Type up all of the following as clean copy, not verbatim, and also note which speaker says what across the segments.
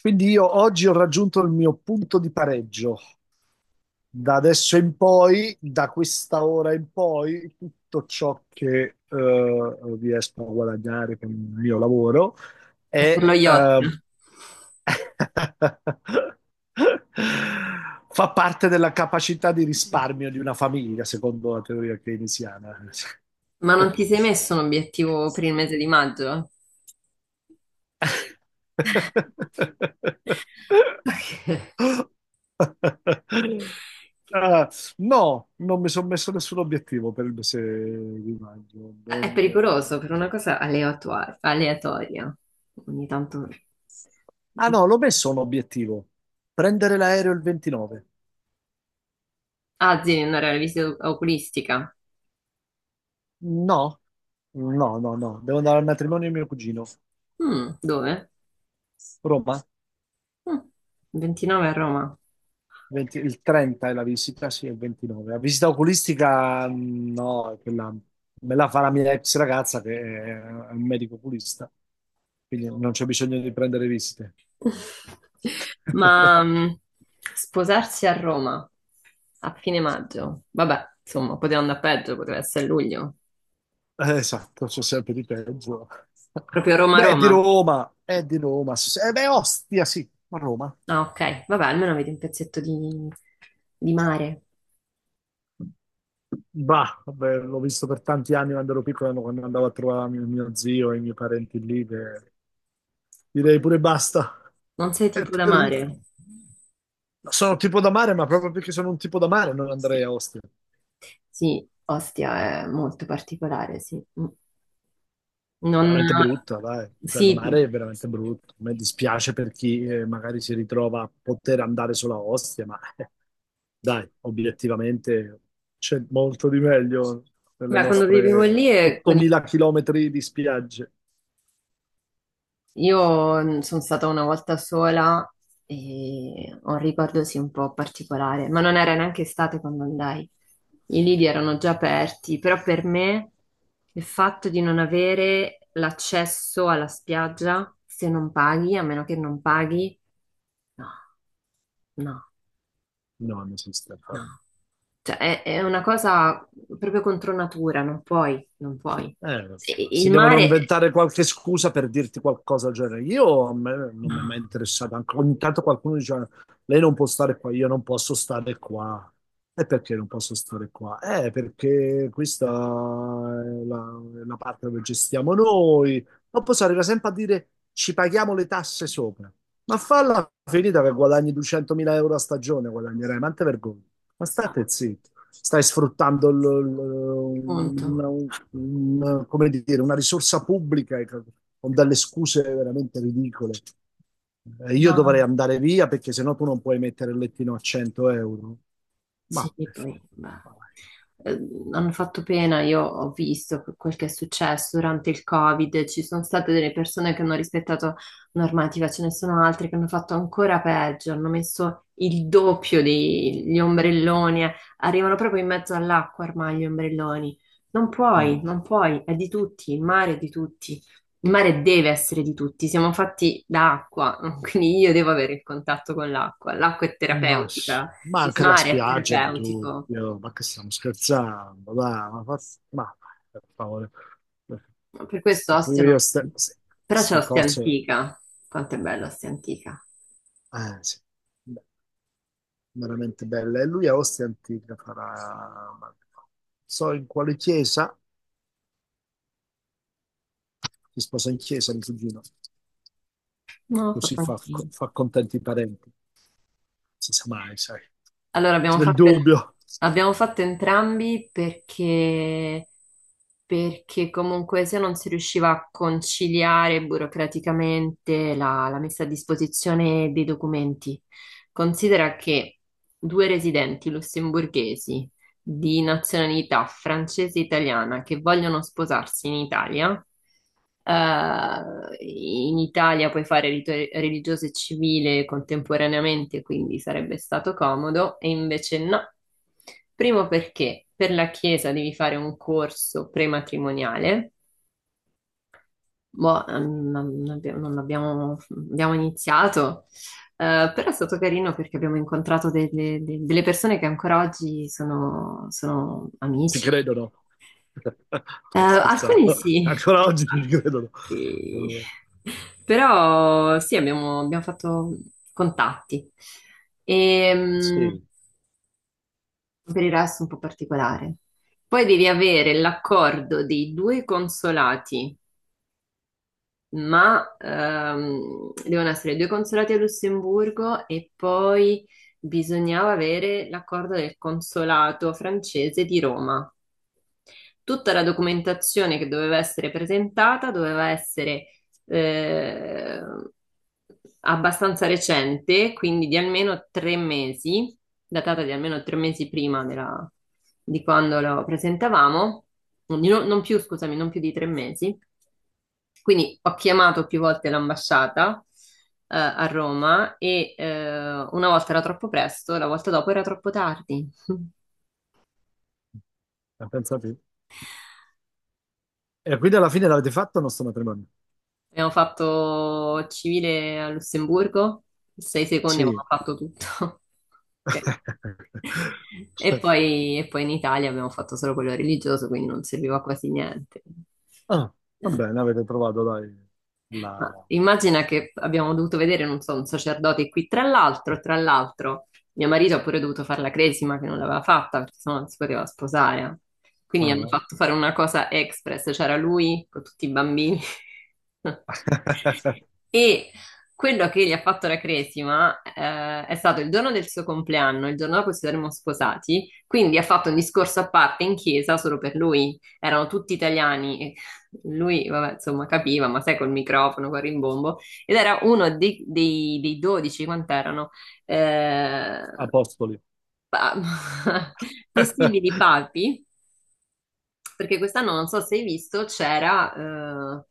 Speaker 1: Quindi io oggi ho raggiunto il mio punto di pareggio. Da adesso in poi, da questa ora in poi, tutto ciò che riesco a guadagnare con il mio lavoro
Speaker 2: Per
Speaker 1: è,
Speaker 2: lo yacht.
Speaker 1: fa parte della capacità di risparmio di una famiglia, secondo la teoria keynesiana.
Speaker 2: Ma non ti sei messo un obiettivo per il mese di maggio? Perché
Speaker 1: Ah, no, non mi sono messo nessun obiettivo per il mese di maggio.
Speaker 2: è pericoloso per una cosa aleatoria. Ogni tanto...
Speaker 1: Ah, no, l'ho messo un obiettivo. Prendere l'aereo il 29.
Speaker 2: Ah, sì, andare alla visita oculistica.
Speaker 1: No, no, no, no. Devo andare al matrimonio di mio cugino.
Speaker 2: Mm, dove?
Speaker 1: Roma.
Speaker 2: Mm, 29 a Roma.
Speaker 1: 20, il 30 è la visita, sì, è il 29. La visita oculistica, no, è quella me la fa la mia ex ragazza che è un medico oculista, quindi non c'è bisogno di prendere visite.
Speaker 2: Ma sposarsi a Roma a fine maggio. Vabbè, insomma, poteva andare peggio, poteva essere luglio.
Speaker 1: Esatto, c'è sempre di peggio.
Speaker 2: Proprio
Speaker 1: Beh, è di
Speaker 2: Roma-Roma.
Speaker 1: Roma, è di Roma. Sì, sì. Beh, Ostia, sì, a Roma.
Speaker 2: Ah, ok, vabbè, almeno avete un pezzetto di mare.
Speaker 1: Bah, vabbè, l'ho visto per tanti anni quando ero piccolo, quando andavo a trovare mio zio e i miei parenti lì, che direi pure basta.
Speaker 2: Non sei
Speaker 1: È
Speaker 2: tipo da
Speaker 1: terribile.
Speaker 2: mare?
Speaker 1: Sono tipo da mare, ma proprio perché sono un tipo da mare non andrei a Ostia.
Speaker 2: Sì, Ostia è molto particolare, sì. Mm. Non...
Speaker 1: Veramente brutta, dai. Cioè,
Speaker 2: Sì,
Speaker 1: il mare è veramente brutto. A me dispiace per chi magari si ritrova a poter andare solo a Ostia, ma dai, obiettivamente c'è molto di meglio nelle
Speaker 2: beh, quando vivevo
Speaker 1: nostre
Speaker 2: lì e con i...
Speaker 1: 8.000 chilometri di spiagge.
Speaker 2: Io sono stata una volta sola e ho un ricordo sì un po' particolare, ma non era neanche estate quando andai. I lidi erano già aperti, però per me il fatto di non avere l'accesso alla spiaggia se non paghi, a meno che non paghi, no, no,
Speaker 1: No, non esiste.
Speaker 2: no. Cioè, è una cosa proprio contro natura, non puoi, non puoi.
Speaker 1: Non
Speaker 2: E
Speaker 1: so,
Speaker 2: il
Speaker 1: si devono
Speaker 2: mare,
Speaker 1: inventare qualche scusa per dirti qualcosa del genere. Io a me non
Speaker 2: no,
Speaker 1: mi è mai interessato. Ogni tanto qualcuno dice: Lei non può stare qua, io non posso stare qua. E perché non posso stare qua? Perché questa è la parte dove gestiamo noi. Non posso arrivare sempre a dire: Ci paghiamo le tasse sopra. Ma falla finita che guadagni 200.000 euro a stagione, guadagnerai, ma non te vergogni. Ma state zitti, stai sfruttando
Speaker 2: appunto,
Speaker 1: come dire, una risorsa pubblica con delle scuse veramente ridicole. Io dovrei
Speaker 2: no.
Speaker 1: andare via perché sennò tu non puoi mettere il lettino a 100 euro.
Speaker 2: Sì,
Speaker 1: Ma per favore,
Speaker 2: poi, ma eh, hanno fatto pena, io ho visto quel che è successo durante il Covid, ci sono state delle persone che hanno rispettato normativa, ce ne sono altre che hanno fatto ancora peggio, hanno messo il doppio degli ombrelloni, arrivano proprio in mezzo all'acqua ormai gli ombrelloni. Non puoi,
Speaker 1: dai.
Speaker 2: non puoi, è di tutti, il mare è di tutti. Il mare deve essere di tutti, siamo fatti da acqua, quindi io devo avere il contatto con l'acqua. L'acqua è
Speaker 1: Ma, sì.
Speaker 2: terapeutica,
Speaker 1: Ma
Speaker 2: il
Speaker 1: anche la
Speaker 2: mare è
Speaker 1: spiaggia di
Speaker 2: terapeutico.
Speaker 1: tutti, oh, ma che stiamo scherzando, dai, ma per favore.
Speaker 2: Per questo
Speaker 1: E
Speaker 2: Ostia
Speaker 1: pure io
Speaker 2: non... Però c'è
Speaker 1: queste
Speaker 2: Ostia
Speaker 1: cose,
Speaker 2: Antica. Quanto è bella Ostia Antica.
Speaker 1: sì, beh, veramente belle. E lui a Ostia Antica farà, non so in quale chiesa, si sposa in chiesa, mio cugino,
Speaker 2: Non l'ho
Speaker 1: così
Speaker 2: fatto
Speaker 1: fa,
Speaker 2: anch'io.
Speaker 1: fa contenti i parenti. Si sa mai, sai.
Speaker 2: Allora,
Speaker 1: Nel dubbio,
Speaker 2: abbiamo fatto entrambi perché, perché comunque se non si riusciva a conciliare burocraticamente la messa a disposizione dei documenti. Considera che due residenti lussemburghesi di nazionalità francese e italiana che vogliono sposarsi in Italia. In Italia puoi fare rito religioso e civile contemporaneamente, quindi sarebbe stato comodo, e invece no. Primo perché per la Chiesa devi fare un corso prematrimoniale. Boh, non abbiamo- abbiamo iniziato, però è stato carino perché abbiamo incontrato delle persone che ancora oggi sono
Speaker 1: ci
Speaker 2: amici.
Speaker 1: credono. No, scherzavo.
Speaker 2: Alcuni sì,
Speaker 1: Ancora oggi ci credono.
Speaker 2: altri-
Speaker 1: Eh,
Speaker 2: però sì, abbiamo fatto contatti. E,
Speaker 1: Sì,
Speaker 2: per il resto un po' particolare. Poi devi avere l'accordo dei due consolati ma devono essere due consolati a Lussemburgo e poi bisognava avere l'accordo del consolato francese di Roma. Tutta la documentazione che doveva essere presentata doveva essere eh, abbastanza recente, quindi di almeno 3 mesi, datata di almeno tre mesi di quando lo presentavamo. Di no- Non più, scusami, non più di 3 mesi. Quindi ho chiamato più volte l'ambasciata a Roma e una volta era troppo presto, la volta dopo era troppo tardi.
Speaker 1: ma pensa te. E quindi alla fine l'avete fatto il nostro matrimonio?
Speaker 2: Abbiamo fatto civile a Lussemburgo, sei secondi
Speaker 1: Sì.
Speaker 2: abbiamo fatto tutto. Ok. E poi in Italia abbiamo fatto solo quello religioso, quindi non serviva quasi niente.
Speaker 1: Ah, va
Speaker 2: Eh.
Speaker 1: bene, avete trovato, dai,
Speaker 2: Ma
Speaker 1: la.
Speaker 2: immagina che abbiamo dovuto vedere, non so, un sacerdote qui. Tra l'altro, mio marito ha pure dovuto fare la cresima che non l'aveva fatta perché sennò non si poteva sposare. Quindi hanno
Speaker 1: Ah.
Speaker 2: fatto fare una cosa express, c'era lui con tutti i bambini. E quello che gli ha fatto la cresima è stato il giorno del suo compleanno, il giorno dopo ci saremmo sposati, quindi ha fatto un discorso a parte in chiesa solo per lui. Erano tutti italiani, lui, vabbè, insomma, capiva, ma sai, col microfono, col rimbombo, ed era uno dei 12, quant'erano, eh,
Speaker 1: Apostoli.
Speaker 2: pa- possibili papi, perché quest'anno, non so se hai visto, c'era eh,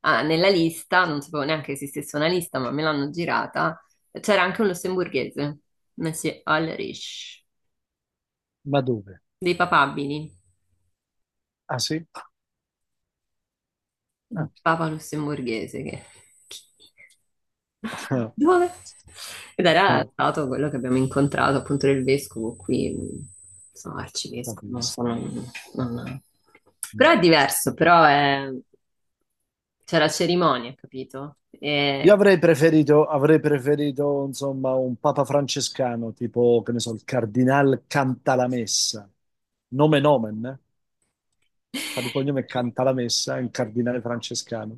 Speaker 2: ah, nella lista, non sapevo neanche che esistesse una lista, ma me l'hanno girata, c'era anche un lussemburghese, Messi Ulrich,
Speaker 1: Ma dove?
Speaker 2: dei papabili.
Speaker 1: Ah, sì?
Speaker 2: Un
Speaker 1: Ah.
Speaker 2: papa lussemburghese che... Dove? Ed era stato quello che abbiamo incontrato appunto del vescovo qui, non so, arcivescovo, non
Speaker 1: Capisco.
Speaker 2: so, non- non- però
Speaker 1: Mm.
Speaker 2: è diverso, c'è la cerimonia, capito?
Speaker 1: Io
Speaker 2: E...
Speaker 1: avrei preferito, insomma, un papa francescano, tipo, che ne so, il cardinal Cantalamessa. Nome nomen, eh? Fa di cognome Cantalamessa, è un cardinale francescano,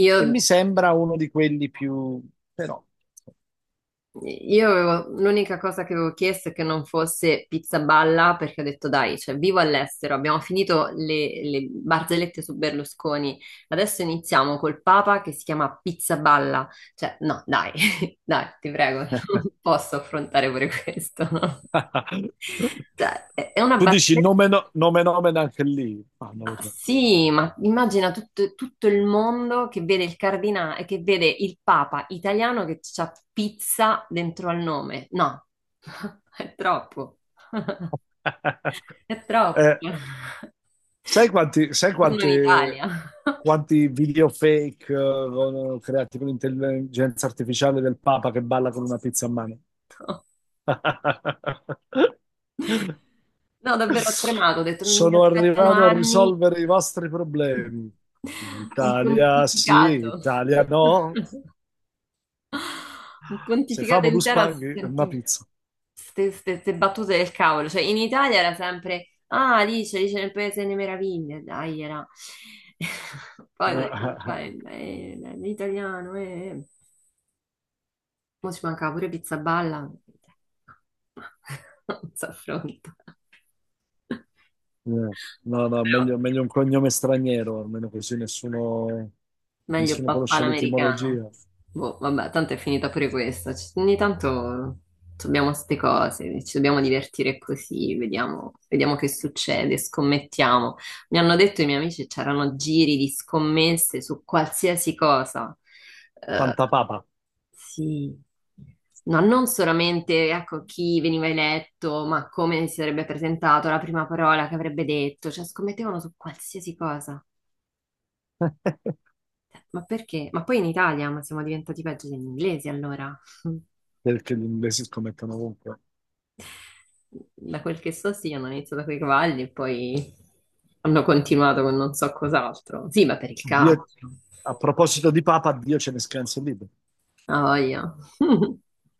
Speaker 2: Io
Speaker 1: che mi sembra uno di quelli più. Però.
Speaker 2: Io avevo, l'unica cosa che avevo chiesto è che non fosse pizza balla, perché ho detto dai, cioè vivo all'estero, abbiamo finito le barzellette su Berlusconi, adesso iniziamo col Papa che si chiama pizza balla, cioè no, dai, dai, ti prego, non posso affrontare pure questo, no? Cioè, è una
Speaker 1: Tu dici
Speaker 2: barzelletta.
Speaker 1: nome, nome, nomen anche lì, ma non lo so.
Speaker 2: Sì, ma immagina tutto il mondo che vede il cardinale, che vede il Papa italiano che c'ha pizza dentro al nome. No, è troppo, è troppo.
Speaker 1: Eh, sai quanti, sai
Speaker 2: Torno in
Speaker 1: quante-
Speaker 2: Italia.
Speaker 1: Quanti video fake creati con l'intelligenza artificiale del Papa che balla con una pizza a mano?
Speaker 2: No, davvero ho tremato, ho detto mi
Speaker 1: Sono
Speaker 2: aspettano
Speaker 1: arrivato a
Speaker 2: anni,
Speaker 1: risolvere i vostri problemi.
Speaker 2: un
Speaker 1: Italia sì,
Speaker 2: pontificato.
Speaker 1: Italia no.
Speaker 2: Un
Speaker 1: Se
Speaker 2: pontificato
Speaker 1: famo due
Speaker 2: intero a
Speaker 1: spaghi, è una
Speaker 2: sentire
Speaker 1: pizza.
Speaker 2: queste battute del cavolo. Cioè, in Italia era sempre, ah, Alice nel Paese delle Meraviglie, dai, era. Poi dovevi fare l'italiano, eh. Mo ci mancava pure pizza balla. Non si affronta.
Speaker 1: Eh, no, no,
Speaker 2: Però
Speaker 1: meglio, meglio un cognome straniero, almeno così nessuno,
Speaker 2: meglio
Speaker 1: nessuno
Speaker 2: papà
Speaker 1: conosce
Speaker 2: l'americano.
Speaker 1: l'etimologia.
Speaker 2: Boh, vabbè, tanto è finita pure questa. Ogni tanto abbiamo queste cose, ci dobbiamo divertire così, vediamo, vediamo che succede, scommettiamo. Mi hanno detto i miei amici c'erano giri di scommesse su qualsiasi cosa. Eh,
Speaker 1: Pantapapa,
Speaker 2: sì. No, non solamente, ecco, chi veniva eletto, ma come si sarebbe presentato, la prima parola che avrebbe detto, cioè scommettevano su qualsiasi cosa. Ma perché? Ma poi in Italia, ma siamo diventati peggio degli inglesi allora.
Speaker 1: perché gli inglesi scommettono ovunque.
Speaker 2: Da quel che so, sì, hanno iniziato con i cavalli e poi hanno continuato con non so cos'altro. Sì, ma per il
Speaker 1: Dio-
Speaker 2: calcio.
Speaker 1: A proposito di Papa, Dio ce ne scansi lì.
Speaker 2: Ah, voglia.